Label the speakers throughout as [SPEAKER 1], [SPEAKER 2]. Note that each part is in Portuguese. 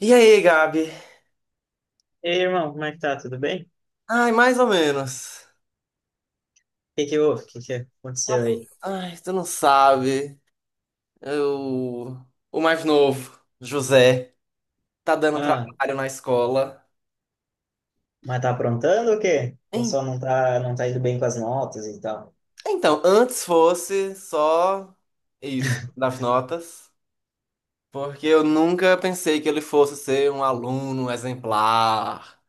[SPEAKER 1] E aí, Gabi?
[SPEAKER 2] Ei, irmão, como é que tá? Tudo bem? O
[SPEAKER 1] Ai, mais ou menos.
[SPEAKER 2] que que houve? O que que aconteceu aí?
[SPEAKER 1] Ai, tu não sabe. Eu... O mais novo, José, tá dando
[SPEAKER 2] Ah,
[SPEAKER 1] trabalho na escola.
[SPEAKER 2] mas tá aprontando ou o quê? Ou
[SPEAKER 1] En-
[SPEAKER 2] só não tá indo bem com as notas e tal?
[SPEAKER 1] Então, antes fosse só isso, das notas. Porque eu nunca pensei que ele fosse ser um aluno exemplar.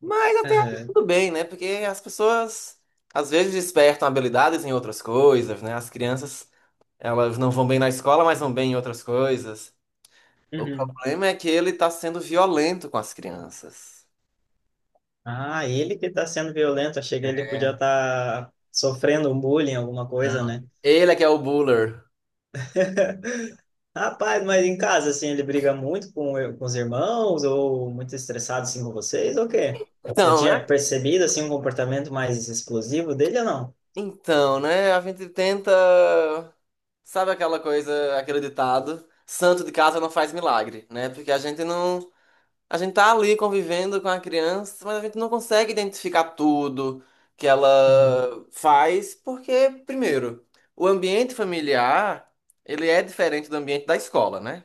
[SPEAKER 1] Mas até aí
[SPEAKER 2] Aham.
[SPEAKER 1] tudo bem, né? Porque as pessoas às vezes despertam habilidades em outras coisas, né? As crianças, elas não vão bem na escola, mas vão bem em outras coisas. O
[SPEAKER 2] Uhum.
[SPEAKER 1] problema é que ele tá sendo violento com as crianças.
[SPEAKER 2] Ah, ele que tá sendo violento. Achei que ele podia
[SPEAKER 1] É.
[SPEAKER 2] estar sofrendo um bullying, alguma coisa,
[SPEAKER 1] Não.
[SPEAKER 2] né?
[SPEAKER 1] Ele é que é o buller.
[SPEAKER 2] Rapaz, mas em casa, assim, ele briga muito com os irmãos ou muito estressado, assim, com vocês ou o quê? Já
[SPEAKER 1] Então, é?
[SPEAKER 2] tinha percebido, assim, um comportamento mais explosivo dele ou não?
[SPEAKER 1] Então, né? A gente tenta. Sabe aquela coisa, aquele ditado? Santo de casa não faz milagre, né? Porque a gente não. A gente tá ali convivendo com a criança, mas a gente não consegue identificar tudo que ela
[SPEAKER 2] Uhum.
[SPEAKER 1] faz, porque, primeiro, o ambiente familiar, ele é diferente do ambiente da escola, né?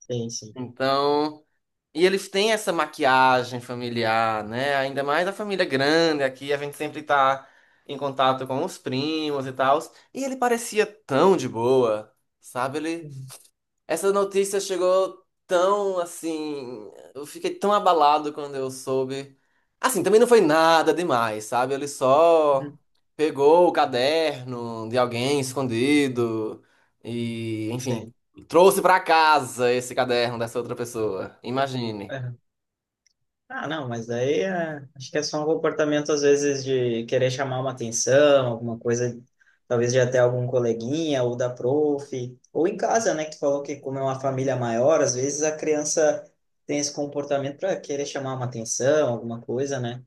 [SPEAKER 2] Sim, sim.
[SPEAKER 1] Então. E eles têm essa maquiagem familiar, né? Ainda mais a família grande aqui, a gente sempre tá em contato com os primos e tal. E ele parecia tão de boa, sabe?
[SPEAKER 2] Uhum.
[SPEAKER 1] Essa notícia chegou tão assim. Eu fiquei tão abalado quando eu soube. Assim, também não foi nada demais, sabe? Ele só
[SPEAKER 2] Uhum.
[SPEAKER 1] pegou o caderno de alguém escondido e, enfim,
[SPEAKER 2] Sim.
[SPEAKER 1] trouxe pra casa esse caderno dessa outra pessoa. Imagine.
[SPEAKER 2] Ah, não, mas daí é, acho que é só um comportamento, às vezes, de querer chamar uma atenção, alguma coisa, talvez de até algum coleguinha ou da prof, ou em casa, né, que tu falou que como é uma família maior, às vezes a criança tem esse comportamento para querer chamar uma atenção, alguma coisa, né,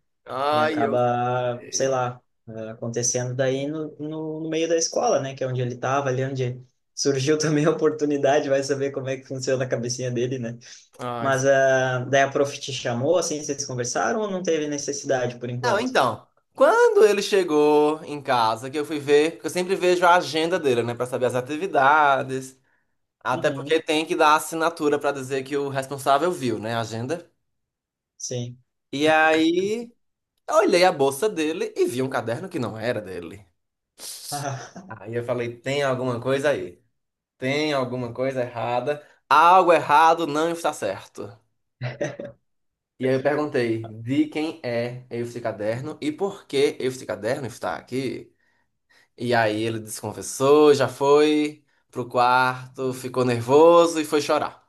[SPEAKER 2] e
[SPEAKER 1] Ai, eu
[SPEAKER 2] acaba, sei
[SPEAKER 1] sei.
[SPEAKER 2] lá, acontecendo daí no meio da escola, né, que é onde ele estava, ali onde surgiu também a oportunidade, vai saber como é que funciona a cabecinha dele, né?
[SPEAKER 1] Ai,
[SPEAKER 2] Mas ah, daí a prof te chamou, assim, vocês conversaram ou não teve necessidade por
[SPEAKER 1] Não,
[SPEAKER 2] enquanto?
[SPEAKER 1] então, quando ele chegou em casa, que eu fui ver, porque eu sempre vejo a agenda dele, né, pra saber as atividades, até
[SPEAKER 2] Uhum,
[SPEAKER 1] porque tem que dar assinatura pra dizer que o responsável viu, né, a agenda.
[SPEAKER 2] Sim.
[SPEAKER 1] E aí, eu olhei a bolsa dele e vi um caderno que não era dele.
[SPEAKER 2] Ah,
[SPEAKER 1] Aí eu falei, tem alguma coisa aí? Tem alguma coisa errada? Algo errado não está certo. E aí eu perguntei, de quem é esse caderno e por que esse caderno está aqui? E aí ele desconfessou, já foi pro quarto, ficou nervoso e foi chorar.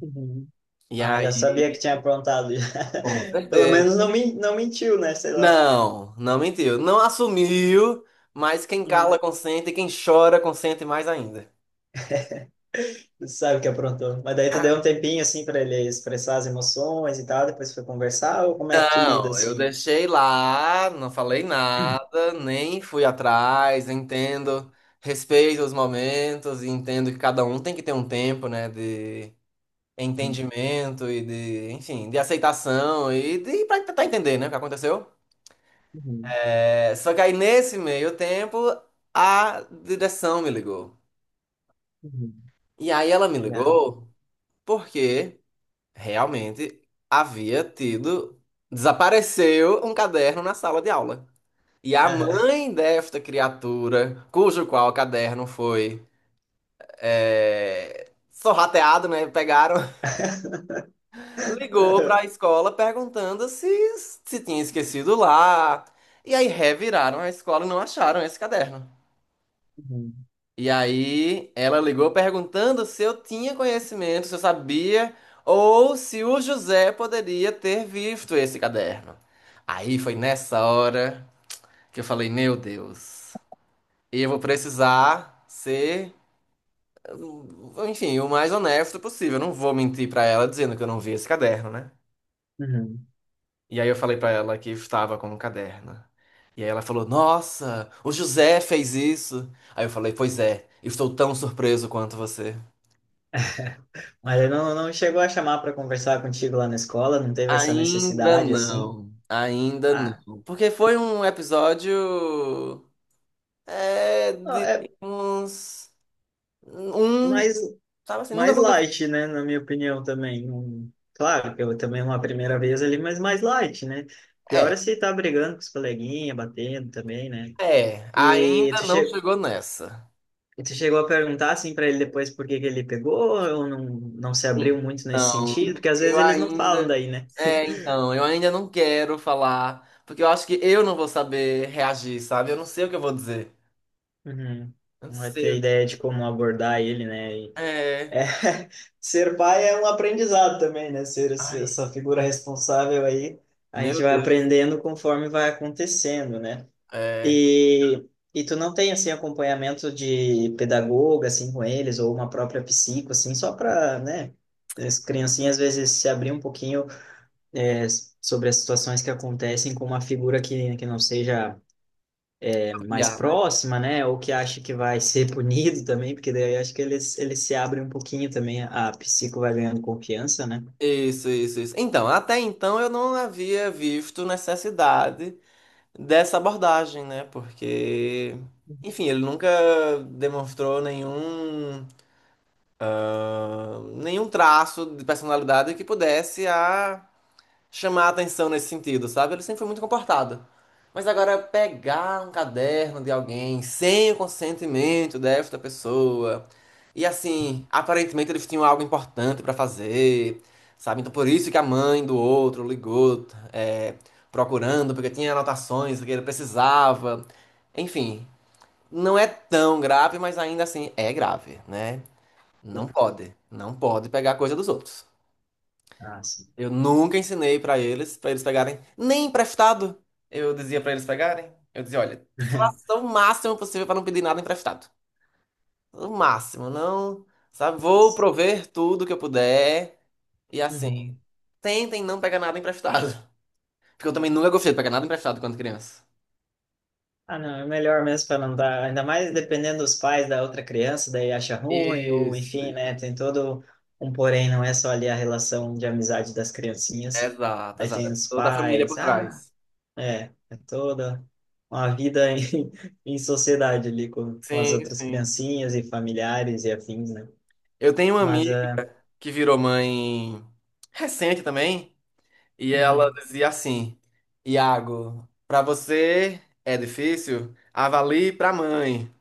[SPEAKER 2] Uhum.
[SPEAKER 1] E
[SPEAKER 2] Ah, já sabia que tinha
[SPEAKER 1] aí,
[SPEAKER 2] aprontado.
[SPEAKER 1] com
[SPEAKER 2] Pelo menos
[SPEAKER 1] certeza.
[SPEAKER 2] não mentiu, né? Sei lá.
[SPEAKER 1] Não, não mentiu. Não assumiu, mas quem
[SPEAKER 2] Uhum.
[SPEAKER 1] cala consente e quem chora consente mais ainda.
[SPEAKER 2] Tu sabe que aprontou. Mas daí tu deu um tempinho, assim, para ele expressar as emoções e tal, depois foi conversar, ou como é que tu lida,
[SPEAKER 1] Não, eu
[SPEAKER 2] assim?
[SPEAKER 1] deixei lá, não falei nada, nem fui atrás, entendo, respeito os momentos e entendo que cada um tem que ter um tempo, né, de
[SPEAKER 2] Uhum,
[SPEAKER 1] entendimento e de, enfim, de aceitação e de para tentar entender, né, o que aconteceu.
[SPEAKER 2] uhum,
[SPEAKER 1] É, só que aí nesse meio tempo a direção me ligou.
[SPEAKER 2] uhum,
[SPEAKER 1] E aí ela me
[SPEAKER 2] Yeah.
[SPEAKER 1] ligou porque realmente havia tido, desapareceu um caderno na sala de aula. E a
[SPEAKER 2] Aham.
[SPEAKER 1] mãe desta criatura, cujo qual caderno foi sorrateado, né? Pegaram ligou para a escola perguntando se tinha esquecido lá. E aí reviraram a escola e não acharam esse caderno.
[SPEAKER 2] Uhum,
[SPEAKER 1] E aí ela ligou perguntando se eu tinha conhecimento, se eu sabia, ou se o José poderia ter visto esse caderno. Aí foi nessa hora que eu falei, meu Deus, eu vou precisar ser, enfim, o mais honesto possível. Eu não vou mentir para ela dizendo que eu não vi esse caderno, né?
[SPEAKER 2] uhum.
[SPEAKER 1] E aí eu falei pra ela que estava com um caderno. E aí ela falou: Nossa, o José fez isso. Aí eu falei: Pois é, estou tão surpreso quanto você.
[SPEAKER 2] Mas ele não chegou a chamar para conversar contigo lá na escola, não teve essa
[SPEAKER 1] Ainda
[SPEAKER 2] necessidade assim.
[SPEAKER 1] não, ainda não.
[SPEAKER 2] Ah,
[SPEAKER 1] Porque foi um episódio. É, de
[SPEAKER 2] é
[SPEAKER 1] uns. Um.
[SPEAKER 2] mais,
[SPEAKER 1] Sabe assim, nunca
[SPEAKER 2] mais
[SPEAKER 1] aconteceu.
[SPEAKER 2] light, né? Na minha opinião também. Claro que eu também é uma primeira vez ali, mas mais light, né? Pior é
[SPEAKER 1] É,
[SPEAKER 2] se tá brigando com os coleguinhas, batendo também, né?
[SPEAKER 1] é,
[SPEAKER 2] E
[SPEAKER 1] ainda
[SPEAKER 2] tu,
[SPEAKER 1] não
[SPEAKER 2] che
[SPEAKER 1] chegou nessa.
[SPEAKER 2] e tu chegou a perguntar assim para ele depois por que que ele pegou ou não, não se abriu muito nesse
[SPEAKER 1] Então,
[SPEAKER 2] sentido? Porque às
[SPEAKER 1] eu
[SPEAKER 2] vezes eles não
[SPEAKER 1] ainda
[SPEAKER 2] falam daí, né?
[SPEAKER 1] É, então, eu ainda não quero falar, porque eu acho que eu não vou saber reagir, sabe? Eu não sei o que eu vou dizer.
[SPEAKER 2] Uhum.
[SPEAKER 1] Eu não
[SPEAKER 2] Não vai
[SPEAKER 1] sei
[SPEAKER 2] ter
[SPEAKER 1] o
[SPEAKER 2] ideia
[SPEAKER 1] que...
[SPEAKER 2] de como abordar ele, né?
[SPEAKER 1] É...
[SPEAKER 2] É, ser pai é um aprendizado também, né? Ser
[SPEAKER 1] Ai,
[SPEAKER 2] essa figura responsável aí, a
[SPEAKER 1] meu
[SPEAKER 2] gente vai
[SPEAKER 1] Deus.
[SPEAKER 2] aprendendo conforme vai acontecendo, né?
[SPEAKER 1] É...
[SPEAKER 2] E, e tu não tem, assim, acompanhamento de pedagoga, assim, com eles, ou uma própria psico, assim, só para, né? As criancinhas, às vezes, se abrir um pouquinho, é, sobre as situações que acontecem com uma figura que não seja mais
[SPEAKER 1] Olhar, né?
[SPEAKER 2] próxima, né? Ou que acha que vai ser punido também, porque daí eu acho que eles se abrem um pouquinho também, a psico vai ganhando confiança, né?
[SPEAKER 1] Isso, isso, isso. Então, até então eu não havia visto necessidade dessa abordagem, né? Enfim, ele nunca demonstrou nenhum traço de personalidade que pudesse a chamar a atenção nesse sentido, sabe? Ele sempre foi muito comportado. Mas agora, pegar um caderno de alguém sem o consentimento desta pessoa. E assim, aparentemente eles tinham algo importante pra fazer, sabe? Então, por isso que a mãe do outro ligou, é, procurando, porque tinha anotações que ele precisava. Enfim, não é tão grave, mas ainda assim é grave, né? Não
[SPEAKER 2] Sim.
[SPEAKER 1] pode. Não pode pegar coisa dos outros.
[SPEAKER 2] Ah, sim.
[SPEAKER 1] Eu nunca ensinei pra eles pegarem, nem emprestado. Eu dizia pra eles pegarem. Eu dizia, olha, faça o máximo possível pra não pedir nada emprestado. O máximo, não, sabe? Vou prover tudo que eu puder e assim,
[SPEAKER 2] Uhum.
[SPEAKER 1] tentem não pegar nada emprestado, porque eu também nunca gostei de pegar nada emprestado quando criança.
[SPEAKER 2] Ah, não, é melhor mesmo para não dar, ainda mais dependendo dos pais da outra criança, daí acha ruim, ou
[SPEAKER 1] Isso,
[SPEAKER 2] enfim, né? Tem todo um porém, não é só ali a relação de amizade das criancinhas.
[SPEAKER 1] exato,
[SPEAKER 2] Aí
[SPEAKER 1] exato.
[SPEAKER 2] tem os
[SPEAKER 1] Toda a família
[SPEAKER 2] pais,
[SPEAKER 1] por
[SPEAKER 2] ah,
[SPEAKER 1] trás.
[SPEAKER 2] É, é toda uma vida em, em sociedade ali com as
[SPEAKER 1] Sim,
[SPEAKER 2] outras
[SPEAKER 1] sim.
[SPEAKER 2] criancinhas e familiares e afins, né?
[SPEAKER 1] Eu tenho uma
[SPEAKER 2] Mas
[SPEAKER 1] amiga
[SPEAKER 2] é.
[SPEAKER 1] que virou mãe recente também. E ela
[SPEAKER 2] Uhum,
[SPEAKER 1] dizia assim: Iago, pra você é difícil? Avalie pra mãe.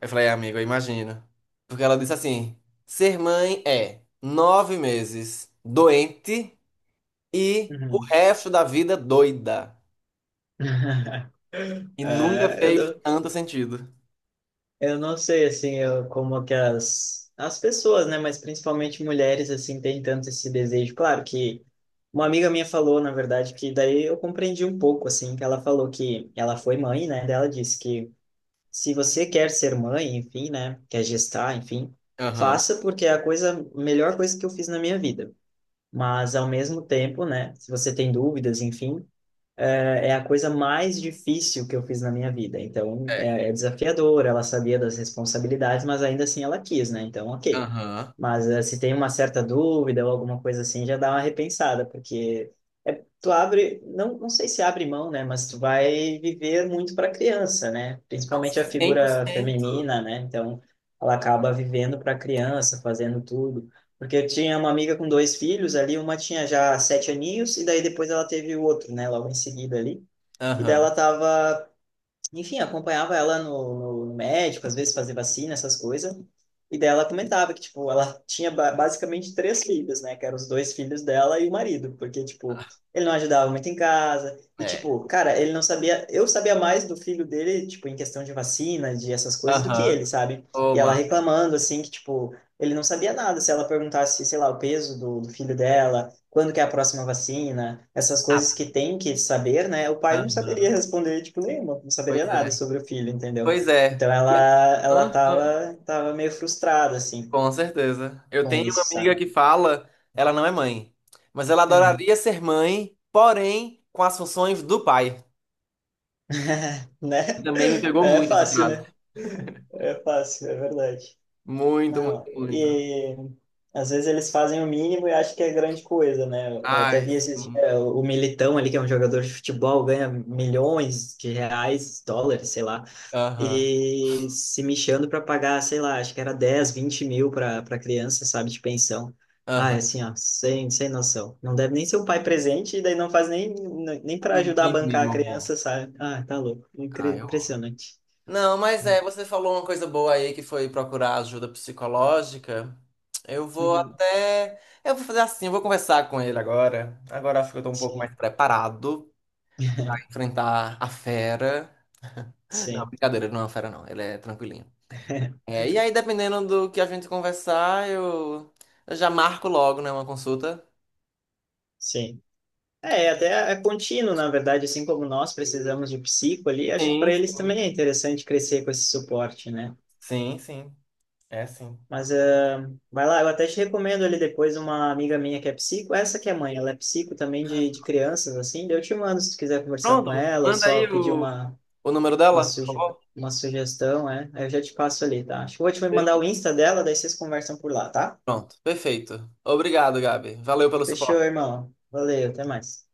[SPEAKER 1] Eu falei, amigo, eu imagino. Porque ela disse assim: ser mãe é 9 meses doente e o
[SPEAKER 2] uhum.
[SPEAKER 1] resto da vida doida. E nunca
[SPEAKER 2] É, eu
[SPEAKER 1] fez
[SPEAKER 2] não,
[SPEAKER 1] tanto sentido.
[SPEAKER 2] eu não sei assim como que as pessoas, né? Mas principalmente mulheres assim têm tanto esse desejo. Claro que uma amiga minha falou, na verdade, que daí eu compreendi um pouco assim, que ela falou que ela foi mãe, né? Daí ela disse que se você quer ser mãe, enfim, né, quer gestar, enfim,
[SPEAKER 1] Aham,
[SPEAKER 2] faça porque é a coisa, a melhor coisa que eu fiz na minha vida. Mas ao mesmo tempo, né, se você tem dúvidas, enfim, é a coisa mais difícil que eu fiz na minha vida. Então,
[SPEAKER 1] é.
[SPEAKER 2] é, é desafiador, ela sabia das responsabilidades, mas ainda assim ela quis, né? Então, OK.
[SPEAKER 1] Aham.
[SPEAKER 2] Mas se tem uma certa dúvida ou alguma coisa assim, já dá uma repensada, porque tu abre, não, não sei se abre mão, né? Mas tu vai viver muito para a criança, né? Principalmente a
[SPEAKER 1] cem por
[SPEAKER 2] figura
[SPEAKER 1] cento.
[SPEAKER 2] feminina, né? Então, ela acaba vivendo para a criança, fazendo tudo. Porque eu tinha uma amiga com dois filhos ali, uma tinha já sete aninhos, e daí depois ela teve o outro, né? Logo em seguida ali. E daí ela
[SPEAKER 1] Aham,
[SPEAKER 2] tava enfim, acompanhava ela no médico, às vezes fazia vacina, essas coisas. E daí ela comentava que, tipo, ela tinha basicamente três filhos, né? Que eram os dois filhos dela e o marido. Porque, tipo, ele não ajudava muito em casa. E,
[SPEAKER 1] é.
[SPEAKER 2] tipo, cara, ele não sabia... Eu sabia mais do filho dele, tipo, em questão de vacina, de essas coisas, do que
[SPEAKER 1] Aham.
[SPEAKER 2] ele, sabe?
[SPEAKER 1] Ô,
[SPEAKER 2] E ela
[SPEAKER 1] Mar-
[SPEAKER 2] reclamando, assim, que, tipo, ele não sabia nada. Se ela perguntasse, sei lá, o peso do filho dela, quando que é a próxima vacina, essas coisas que
[SPEAKER 1] nada.
[SPEAKER 2] tem que saber, né? O pai não
[SPEAKER 1] Aham.
[SPEAKER 2] saberia responder, tipo, nenhuma, não saberia
[SPEAKER 1] Pois
[SPEAKER 2] nada
[SPEAKER 1] é.
[SPEAKER 2] sobre o filho, entendeu?
[SPEAKER 1] Pois é.
[SPEAKER 2] Então
[SPEAKER 1] E a-
[SPEAKER 2] ela
[SPEAKER 1] Hã?
[SPEAKER 2] tava meio frustrada, assim,
[SPEAKER 1] Com certeza. Eu
[SPEAKER 2] com
[SPEAKER 1] tenho uma
[SPEAKER 2] isso,
[SPEAKER 1] amiga
[SPEAKER 2] sabe?
[SPEAKER 1] que fala, ela não é mãe, mas ela
[SPEAKER 2] Uhum.
[SPEAKER 1] adoraria ser mãe, porém com as funções do pai. E
[SPEAKER 2] Né?
[SPEAKER 1] também me pegou
[SPEAKER 2] É
[SPEAKER 1] muito essa
[SPEAKER 2] fácil,
[SPEAKER 1] frase.
[SPEAKER 2] né? É fácil, é verdade.
[SPEAKER 1] Muito,
[SPEAKER 2] Não,
[SPEAKER 1] muito, muito.
[SPEAKER 2] e às vezes eles fazem o mínimo e acham que é grande coisa, né? Eu até
[SPEAKER 1] Ai,
[SPEAKER 2] vi esses dias,
[SPEAKER 1] sim.
[SPEAKER 2] o Militão ali, que é um jogador de futebol, ganha milhões de reais, dólares, sei lá
[SPEAKER 1] Aham,
[SPEAKER 2] e se mexendo para pagar, sei lá, acho que era 10, 20 mil para criança, sabe, de pensão. Ah, é
[SPEAKER 1] aham.
[SPEAKER 2] assim, ó, sem noção. Não deve nem ser o pai presente, e daí não faz nem,
[SPEAKER 1] O
[SPEAKER 2] para ajudar a bancar a
[SPEAKER 1] mínimo, amor.
[SPEAKER 2] criança, sabe? Ah, tá louco.
[SPEAKER 1] Ai, ó.
[SPEAKER 2] Impressionante.
[SPEAKER 1] Não, mas é, você falou uma coisa boa aí que foi procurar ajuda psicológica. Eu vou
[SPEAKER 2] Uhum.
[SPEAKER 1] até. Eu vou fazer assim, eu vou conversar com ele agora. Agora acho que eu tô um pouco
[SPEAKER 2] Sim,
[SPEAKER 1] mais preparado pra enfrentar a fera. Não,
[SPEAKER 2] sim.
[SPEAKER 1] brincadeira, ele não é uma fera, não. Ele é tranquilinho. É, e aí, dependendo do que a gente conversar, eu já marco logo, né, uma consulta.
[SPEAKER 2] Sim. É, até é contínuo, na verdade, assim como nós precisamos de psico ali, acho que
[SPEAKER 1] Sim,
[SPEAKER 2] para eles
[SPEAKER 1] sim.
[SPEAKER 2] também é interessante crescer com esse suporte, né?
[SPEAKER 1] Sim, sim. É sim.
[SPEAKER 2] Mas é, vai lá, eu até te recomendo ali depois uma amiga minha que é psico, essa que é mãe, ela é psico também de crianças, assim, daí eu te mando se tu quiser conversar com
[SPEAKER 1] Pronto,
[SPEAKER 2] ela ou
[SPEAKER 1] manda aí
[SPEAKER 2] só pedir
[SPEAKER 1] o,
[SPEAKER 2] uma,
[SPEAKER 1] O número
[SPEAKER 2] uma,
[SPEAKER 1] dela? Por
[SPEAKER 2] suge,
[SPEAKER 1] favor.
[SPEAKER 2] uma sugestão, é, aí eu já te passo ali, tá? Acho que eu vou te mandar o Insta dela, daí vocês conversam por lá, tá?
[SPEAKER 1] Pronto, perfeito. Obrigado, Gabi. Valeu pelo
[SPEAKER 2] Fechou,
[SPEAKER 1] suporte.
[SPEAKER 2] irmão. Valeu, até mais.